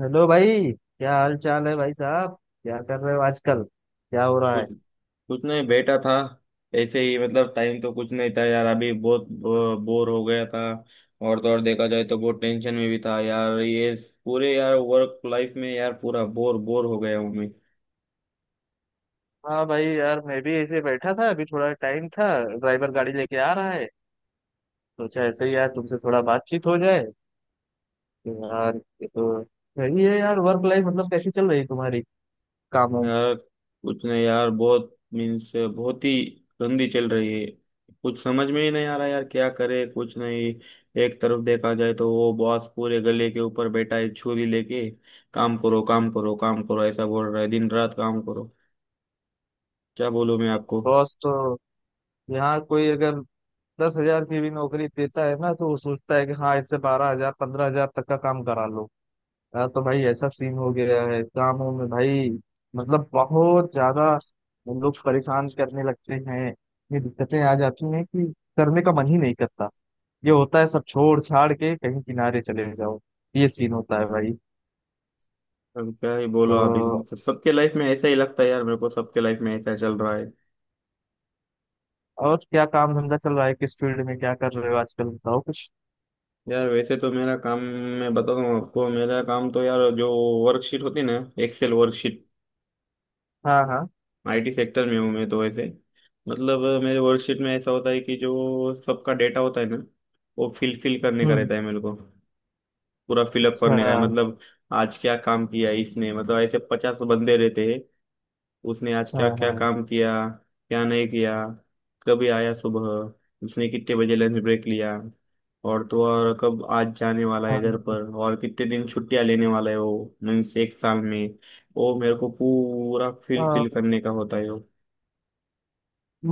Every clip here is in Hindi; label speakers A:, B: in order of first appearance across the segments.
A: हेलो भाई, क्या हाल चाल है भाई साहब। क्या कर रहे हो आजकल, क्या हो रहा है।
B: कुछ कुछ नहीं बैठा था। ऐसे ही मतलब टाइम तो कुछ नहीं था यार, अभी बहुत बोर हो गया था। और तो और देखा जाए तो बहुत टेंशन में भी था यार, ये पूरे यार वर्क लाइफ में यार पूरा बोर बोर हो गया हूँ मैं।
A: हाँ भाई यार, मैं भी ऐसे बैठा था, अभी थोड़ा टाइम था। ड्राइवर गाड़ी लेके आ रहा है। सोचा ऐसे ही यार तुमसे थोड़ा बातचीत हो जाए। यार ये तो सही है यार, वर्क लाइफ मतलब कैसी चल रही है तुम्हारी, कामों।
B: यार कुछ नहीं यार, बहुत मीन्स बहुत ही गंदी चल रही है। कुछ समझ में ही नहीं आ रहा यार, क्या करे कुछ नहीं। एक तरफ देखा जाए तो वो बॉस पूरे गले के ऊपर बैठा है छुरी लेके, काम करो काम करो काम करो ऐसा बोल रहा है, दिन रात काम करो। क्या बोलूं मैं आपको।
A: बॉस तो यहाँ कोई अगर 10,000 की भी नौकरी देता है ना तो वो सोचता है कि हाँ, इससे 12,000 15,000 तक का काम करा लो। यार तो भाई ऐसा सीन हो गया है कामों में भाई, मतलब बहुत ज्यादा। हम लोग परेशान करने लगते हैं, इतनी दिक्कतें आ जाती हैं कि करने का मन ही नहीं करता। ये होता है सब छोड़ छाड़ के कहीं किनारे चले जाओ। ये सीन होता है भाई।
B: अब क्या ही बोलो
A: तो
B: आप, इस मतलब सबके लाइफ में ऐसा ही लगता है यार, मेरे को सबके लाइफ में ऐसा चल रहा है।
A: और क्या काम धंधा चल रहा है, किस फील्ड में क्या कर रहे हो आजकल, बताओ कुछ।
B: यार वैसे तो मेरा काम, मैं बताता हूँ आपको, मेरा काम तो यार जो वर्कशीट होती है ना, एक्सेल वर्कशीट,
A: हाँ हाँ।
B: आईटी सेक्टर में हूँ मैं तो ऐसे। मतलब मेरे वर्कशीट में ऐसा होता है कि जो सबका डेटा होता है ना वो फिल फिल करने का
A: हम्म।
B: रहता है मेरे को। पूरा फिलअप
A: अच्छा।
B: करने का है मतलब। आज क्या काम किया इसने, मतलब ऐसे 50 बंदे रहते हैं। उसने आज
A: हाँ
B: क्या क्या
A: हाँ
B: काम किया, क्या नहीं किया, कभी आया सुबह, उसने कितने बजे लंच ब्रेक लिया, और तो और कब आज जाने वाला है घर पर, और कितने दिन छुट्टियां लेने वाला है वो मीन्स एक साल में, वो मेरे को पूरा फिल फिल
A: हाँ।
B: करने का होता है वो।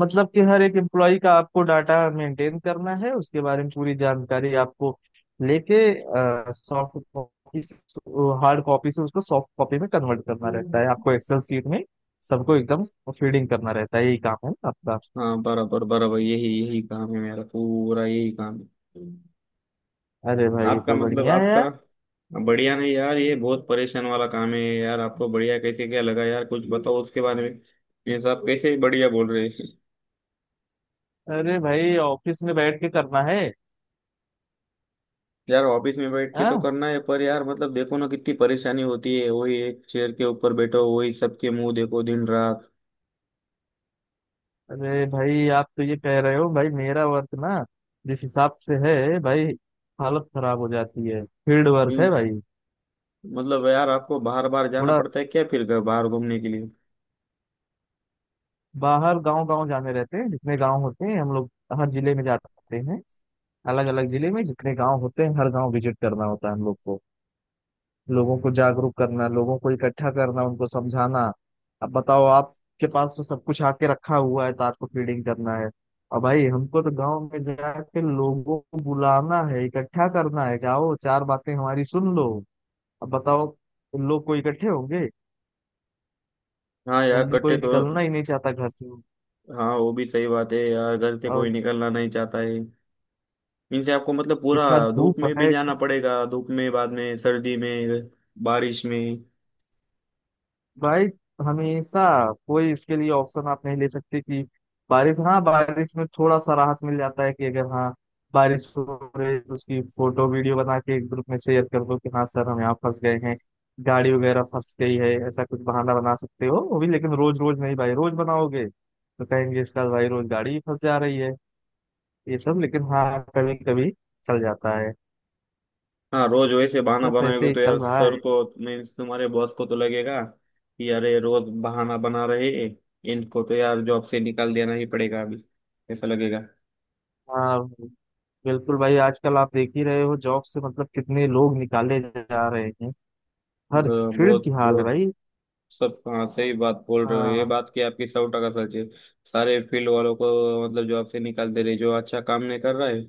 A: मतलब कि हर एक एम्प्लॉय का आपको डाटा मेंटेन करना है, उसके बारे में पूरी जानकारी आपको लेके, सॉफ्ट कॉपी, हार्ड कॉपी से उसको सॉफ्ट कॉपी में कन्वर्ट करना रहता है आपको, एक्सेल शीट में सबको एकदम फीडिंग करना रहता है। यही काम है ना आपका।
B: हाँ, बराबर बराबर, यही यही काम है मेरा, पूरा यही काम है।
A: अरे भाई ये
B: आपका
A: तो
B: मतलब,
A: बढ़िया है
B: आपका
A: यार।
B: बढ़िया नहीं यार, ये बहुत परेशान वाला काम है यार, आपको बढ़िया कैसे क्या लगा यार? कुछ बताओ उसके बारे में, ये सब कैसे बढ़िया बोल रहे हैं?
A: अरे भाई ऑफिस में बैठ के करना है।
B: यार ऑफिस में बैठ के तो
A: हाँ।
B: करना है पर यार, मतलब देखो ना कितनी परेशानी होती है, वही एक चेयर के ऊपर बैठो, वही सबके मुंह देखो दिन रात।
A: अरे भाई आप तो ये कह रहे हो भाई, मेरा वर्क ना जिस हिसाब से है भाई, हालत खराब हो जाती है। फील्ड वर्क है
B: मीन्स,
A: भाई,
B: मतलब यार आपको बाहर बाहर जाना
A: थोड़ा
B: पड़ता है क्या फिर बाहर घूमने के लिए?
A: बाहर गांव गांव जाने रहते हैं, जितने गांव होते हैं हम लोग हर जिले में जाते हैं। अलग अलग जिले में जितने गांव होते हैं हर गांव विजिट करना होता है हम लोग को। लोगों को जागरूक करना, लोगों को इकट्ठा करना, उनको समझाना। अब बताओ, आपके पास तो सब कुछ आके रखा हुआ है तो आपको फीडिंग करना है, और भाई हमको तो गांव में जाके लोगों को बुलाना है, इकट्ठा करना है, जाओ चार बातें हमारी सुन लो। अब बताओ, उन लोग को इकट्ठे होंगे,
B: हाँ यार
A: जल्दी
B: कट्टे
A: कोई
B: तो।
A: निकलना ही नहीं चाहता घर से।
B: हाँ वो भी सही बात है यार, घर से
A: और
B: कोई निकलना नहीं चाहता है। मीन्स आपको मतलब पूरा
A: इतना
B: धूप
A: धूप
B: में भी
A: है
B: जाना पड़ेगा, धूप में, बाद में सर्दी में, बारिश में।
A: भाई, हमेशा कोई इसके लिए ऑप्शन आप नहीं ले सकते कि बारिश, हाँ बारिश में थोड़ा सा राहत मिल जाता है कि अगर हाँ बारिश हो रही है तो उसकी फोटो वीडियो बना के एक ग्रुप में शेयर कर दो कि हाँ सर हम यहाँ फंस गए हैं, गाड़ी वगैरह फंस गई है, ऐसा कुछ बहाना बना सकते हो वो भी, लेकिन रोज रोज नहीं भाई, रोज बनाओगे तो कहेंगे इसका भाई रोज गाड़ी ही फंस जा रही है ये सब। लेकिन हाँ कभी कभी चल जाता है।
B: हाँ रोज वैसे बहाना
A: बस ऐसे
B: बनाएंगे
A: ही
B: तो
A: चल
B: यार
A: रहा
B: सर
A: है।
B: को, मीन्स तुम्हारे बॉस को तो लगेगा कि अरे रोज बहाना बना रहे हैं, इनको तो यार जॉब से निकाल देना ही पड़ेगा अभी, ऐसा लगेगा।
A: हाँ, बिल्कुल भाई आजकल आप देख ही रहे हो, जॉब से मतलब कितने लोग निकाले जा रहे हैं, हर
B: तो
A: फील्ड की
B: बहुत
A: हाल है
B: बहुत
A: भाई।
B: सब, हाँ सही बात बोल रहे हो, ये
A: हाँ
B: बात की आपकी सौ टका सच है। सारे फील्ड वालों को मतलब जॉब से निकाल दे रहे जो अच्छा काम नहीं कर रहा है,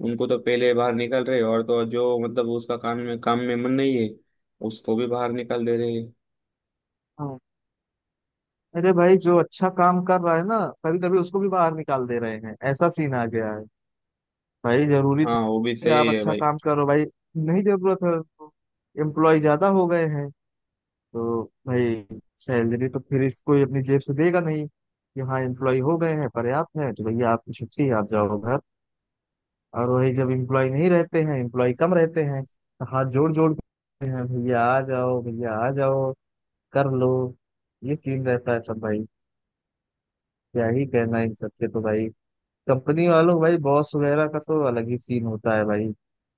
B: उनको तो पहले बाहर निकाल रहे, और तो और जो मतलब उसका काम में मन नहीं है उसको भी बाहर निकाल दे रहे।
A: हाँ। अरे भाई जो अच्छा काम कर रहा है ना कभी कभी उसको भी बाहर निकाल दे रहे हैं, ऐसा सीन आ गया है भाई। जरूरी तो
B: हाँ वो भी
A: है कि आप
B: सही है
A: अच्छा
B: भाई।
A: काम करो भाई, नहीं जरूरत है तो एम्प्लॉय ज्यादा हो गए हैं तो भाई सैलरी तो फिर इसको अपनी जेब से देगा नहीं, कि हाँ एम्प्लॉय हो गए हैं पर्याप्त है तो भैया आपकी छुट्टी, आप जाओ घर। और वही जब एम्प्लॉय नहीं रहते हैं, एम्प्लॉय कम रहते हैं, तो हाथ जोड़ जोड़ के हैं भैया आ जाओ, भैया आ जाओ कर लो। ये सीन रहता है सब भाई। क्या ही कहना है इन सबसे तो भाई, कंपनी वालों को भाई, बॉस वगैरह का तो अलग ही सीन होता है भाई।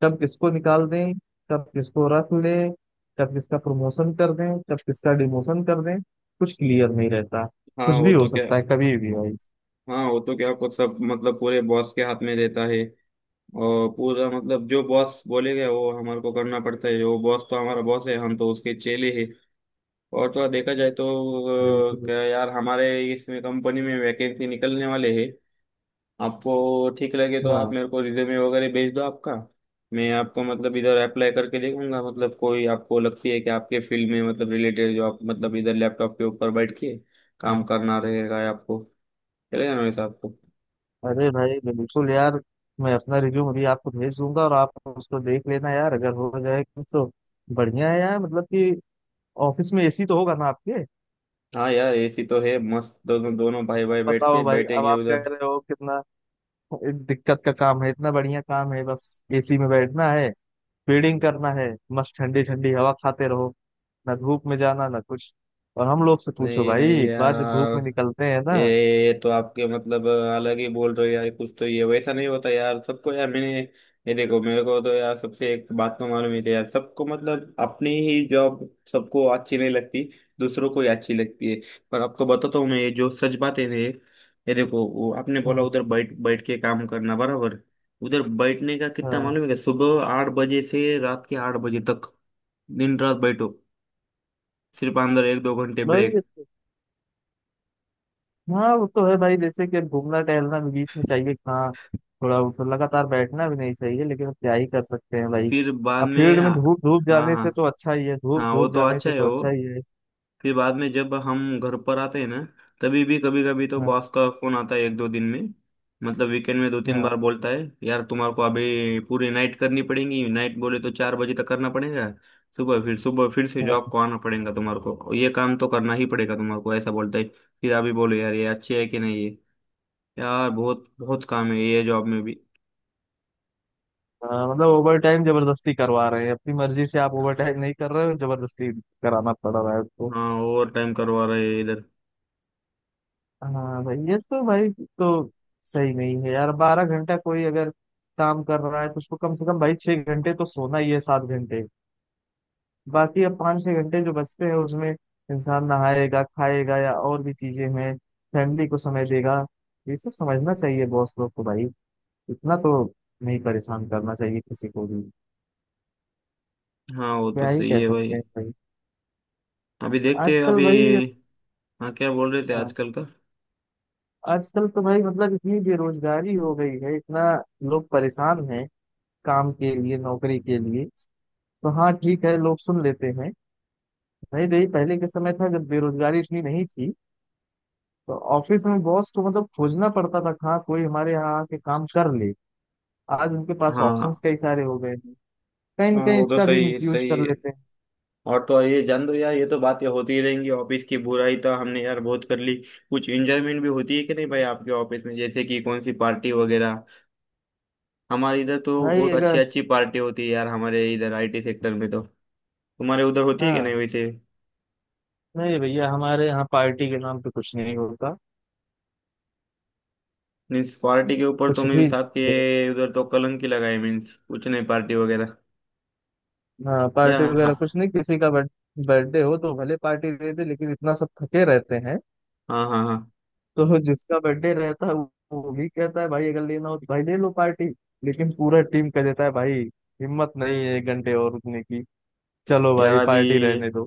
A: कब किसको निकाल दें, कब किसको रख लें, कब किसका प्रमोशन कर दें, कब किसका डिमोशन कर दें, कुछ क्लियर नहीं रहता।
B: हाँ
A: कुछ
B: वो
A: भी हो
B: तो क्या,
A: सकता है कभी भी भाई।
B: हाँ वो तो क्या कुछ सब मतलब पूरे बॉस के हाथ में रहता है, और पूरा मतलब जो बॉस बोलेगा वो हमारे को करना पड़ता है, वो बॉस तो हमारा बॉस है, हम तो उसके चेले हैं। और थोड़ा देखा जाए तो
A: बिल्कुल।
B: क्या यार हमारे इसमें कंपनी में वैकेंसी निकलने वाले हैं। आपको ठीक लगे तो आप
A: हाँ,
B: मेरे को रिज्यूमे वगैरह भेज दो आपका, मैं आपको मतलब इधर अप्लाई करके देखूंगा, मतलब कोई आपको लगती है कि आपके फील्ड में मतलब रिलेटेड जो, आप मतलब इधर लैपटॉप के ऊपर बैठ के काम करना रहेगा, या आपको चलेगा ना वैसे आपको?
A: अरे भाई बिल्कुल यार, मैं अपना रिज्यूम अभी आपको भेज दूंगा और आप उसको देख लेना यार अगर हो जाए तो बढ़िया है यार। मतलब कि ऑफिस में एसी तो होगा ना आपके।
B: हाँ यार, ऐसी तो है मस्त, दोनों दोनों भाई
A: अब
B: भाई बैठ के
A: बताओ भाई, अब
B: बैठेंगे
A: आप कह
B: उधर।
A: रहे हो कितना दिक्कत का काम है, इतना बढ़िया काम है, बस एसी में बैठना है, फीडिंग करना है, मस्त ठंडी ठंडी हवा खाते रहो, ना धूप में जाना ना कुछ। और हम लोग से पूछो
B: नहीं
A: भाई
B: नहीं
A: एक बार जब
B: यार,
A: धूप में निकलते हैं ना।
B: ये तो आपके मतलब अलग ही बोल रहे हो यार, कुछ तो ये वैसा नहीं होता यार सबको यार, मैंने ये देखो, मेरे को तो यार सबसे एक बात तो मालूम ही थी यार, सबको मतलब अपनी ही जॉब सबको अच्छी नहीं लगती, दूसरों को ही अच्छी लगती है। पर आपको बताता हूँ मैं ये जो सच बातें थे, ये देखो वो आपने बोला
A: हाँ
B: उधर बैठ बैठ के काम करना, बराबर, उधर बैठने का कितना
A: हाँ
B: मालूम है क्या? सुबह 8 बजे से रात के 8 बजे तक, दिन रात बैठो, सिर्फ अंदर 1-2 घंटे
A: भाई।
B: ब्रेक।
A: हाँ वो तो है भाई, जैसे कि अब घूमना टहलना भी बीच में चाहिए हाँ, थोड़ा वो तो लगातार बैठना भी नहीं चाहिए, लेकिन अब क्या ही कर सकते हैं भाई।
B: फिर बाद
A: अब
B: में
A: फील्ड
B: आ-
A: में धूप धूप
B: हाँ
A: जाने
B: हाँ,
A: से तो अच्छा ही है, धूप
B: हाँ वो
A: धूप
B: तो
A: जाने
B: अच्छा
A: से
B: है
A: तो
B: वो।
A: अच्छा ही है।
B: फिर बाद में जब हम घर पर आते हैं ना, तभी भी कभी कभी तो
A: हाँ
B: बॉस का फोन आता है 1-2 दिन में, मतलब वीकेंड में 2-3
A: हाँ
B: बार बोलता है यार, तुम्हारे को अभी पूरी नाइट करनी पड़ेगी, नाइट बोले तो 4 बजे तक करना पड़ेगा, सुबह फिर से
A: हाँ
B: जॉब को आना पड़ेगा तुम्हारे को, ये काम तो करना ही पड़ेगा तुम्हारे को, ऐसा बोलता है। फिर अभी बोलो यार ये अच्छी है कि नहीं ये, यार बहुत बहुत काम है ये जॉब में भी।
A: हाँ, मतलब ओवर टाइम जबरदस्ती करवा रहे हैं, अपनी मर्जी से आप ओवर टाइम नहीं कर रहे हो, जबरदस्ती कराना पड़ रहा है आपको।
B: हाँ ओवर टाइम करवा रहे हैं इधर।
A: हाँ भाई, ये तो भाई तो सही नहीं है यार। 12 घंटा कोई अगर काम कर रहा है तो उसको कम से कम भाई 6 घंटे तो सोना ही है, 7 घंटे। बाकी अब 5-6 घंटे जो बचते हैं उसमें इंसान नहाएगा, खाएगा, या और भी चीजें हैं, फैमिली को समय देगा। ये सब समझना चाहिए बॉस लोग को भाई, इतना तो नहीं परेशान करना चाहिए किसी को भी।
B: हाँ वो तो
A: क्या ही
B: सही
A: कह
B: है
A: सकते हैं
B: भाई।
A: भाई
B: अभी देखते हैं
A: आजकल
B: अभी।
A: भाई।
B: हाँ क्या बोल रहे थे
A: हाँ,
B: आजकल का?
A: आजकल तो भाई मतलब इतनी बेरोजगारी हो गई है, इतना लोग परेशान हैं काम के लिए, नौकरी के लिए, तो हाँ ठीक है लोग सुन लेते हैं। नहीं तो ये पहले के समय था जब बेरोजगारी इतनी नहीं थी तो ऑफिस में बॉस को मतलब खोजना पड़ता था, कहाँ कोई हमारे यहाँ आके काम कर ले। आज उनके पास
B: हाँ,
A: ऑप्शंस कई सारे हो गए हैं, कहीं ना
B: हाँ
A: कहीं
B: वो तो
A: इसका भी
B: सही
A: मिसयूज
B: सही
A: कर
B: है।
A: लेते हैं।
B: और तो ये जान दो यार, ये तो बातें होती ही रहेंगी, ऑफिस की बुराई तो हमने यार बहुत कर ली। कुछ एंजॉयमेंट भी होती है कि नहीं भाई आपके ऑफिस में, जैसे कि कौन सी पार्टी वगैरह? हमारे इधर तो
A: भाई
B: बहुत अच्छी
A: अगर,
B: अच्छी पार्टी होती है यार, हमारे इधर आईटी सेक्टर में तो। तुम्हारे उधर होती है कि नहीं
A: हाँ,
B: वैसे?
A: नहीं भैया हमारे यहाँ पार्टी के नाम पे कुछ नहीं होता,
B: मीन्स पार्टी के ऊपर तो
A: कुछ भी
B: मीन्स आपके
A: नहीं।
B: उधर तो कलंक ही लगाए, मीन्स कुछ नहीं पार्टी वगैरह।
A: हाँ पार्टी
B: यार
A: वगैरह कुछ
B: हाँ,
A: नहीं, किसी का बर्थडे हो तो भले पार्टी दे दे लेकिन इतना सब थके रहते हैं,
B: हाँ हाँ हाँ।
A: तो जिसका बर्थडे रहता है वो भी कहता है भाई अगर लेना हो तो भाई ले लो पार्टी, लेकिन पूरा टीम कह देता है भाई हिम्मत नहीं है 1 घंटे और रुकने की, चलो
B: यार
A: भाई
B: अभी
A: पार्टी रहने दो।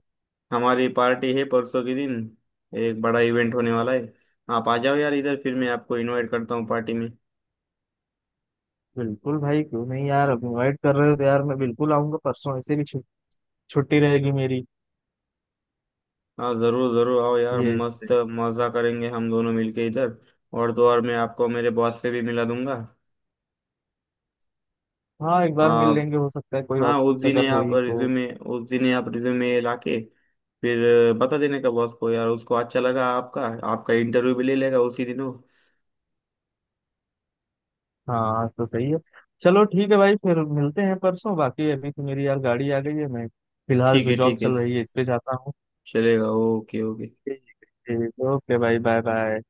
B: हमारी पार्टी है परसों के दिन, एक बड़ा इवेंट होने वाला है। आप आ जाओ यार इधर, फिर मैं आपको इनवाइट करता हूँ पार्टी में।
A: बिल्कुल भाई क्यों नहीं यार, अब इनवाइट कर रहे हो तो यार मैं बिल्कुल आऊंगा परसों, ऐसे भी छुट्टी रहेगी मेरी।
B: हाँ जरूर जरूर आओ यार,
A: ये
B: मस्त
A: सही।
B: मजा करेंगे हम दोनों मिलके इधर। और तो और मैं आपको मेरे बॉस से भी मिला दूंगा।
A: हाँ एक बार मिल
B: आप,
A: लेंगे, हो सकता है कोई
B: हाँ
A: ऑप्शन
B: उस दिन ही
A: अगर हो
B: आप
A: ही तो।
B: रिज्यूमे, उस दिन ही आप रिज्यूमे लाके फिर बता देने का बॉस को यार, उसको अच्छा लगा आपका, आपका इंटरव्यू भी ले लेगा उसी दिन वो।
A: हाँ तो सही है, चलो ठीक है भाई, फिर मिलते हैं परसों। बाकी अभी तो मेरी यार गाड़ी आ गई है, मैं फिलहाल
B: ठीक
A: जो
B: है
A: जॉब
B: ठीक है,
A: चल रही है इस पे जाता हूँ।
B: चलेगा, ओके ओके।
A: ठीक है। ओके भाई, बाय बाय।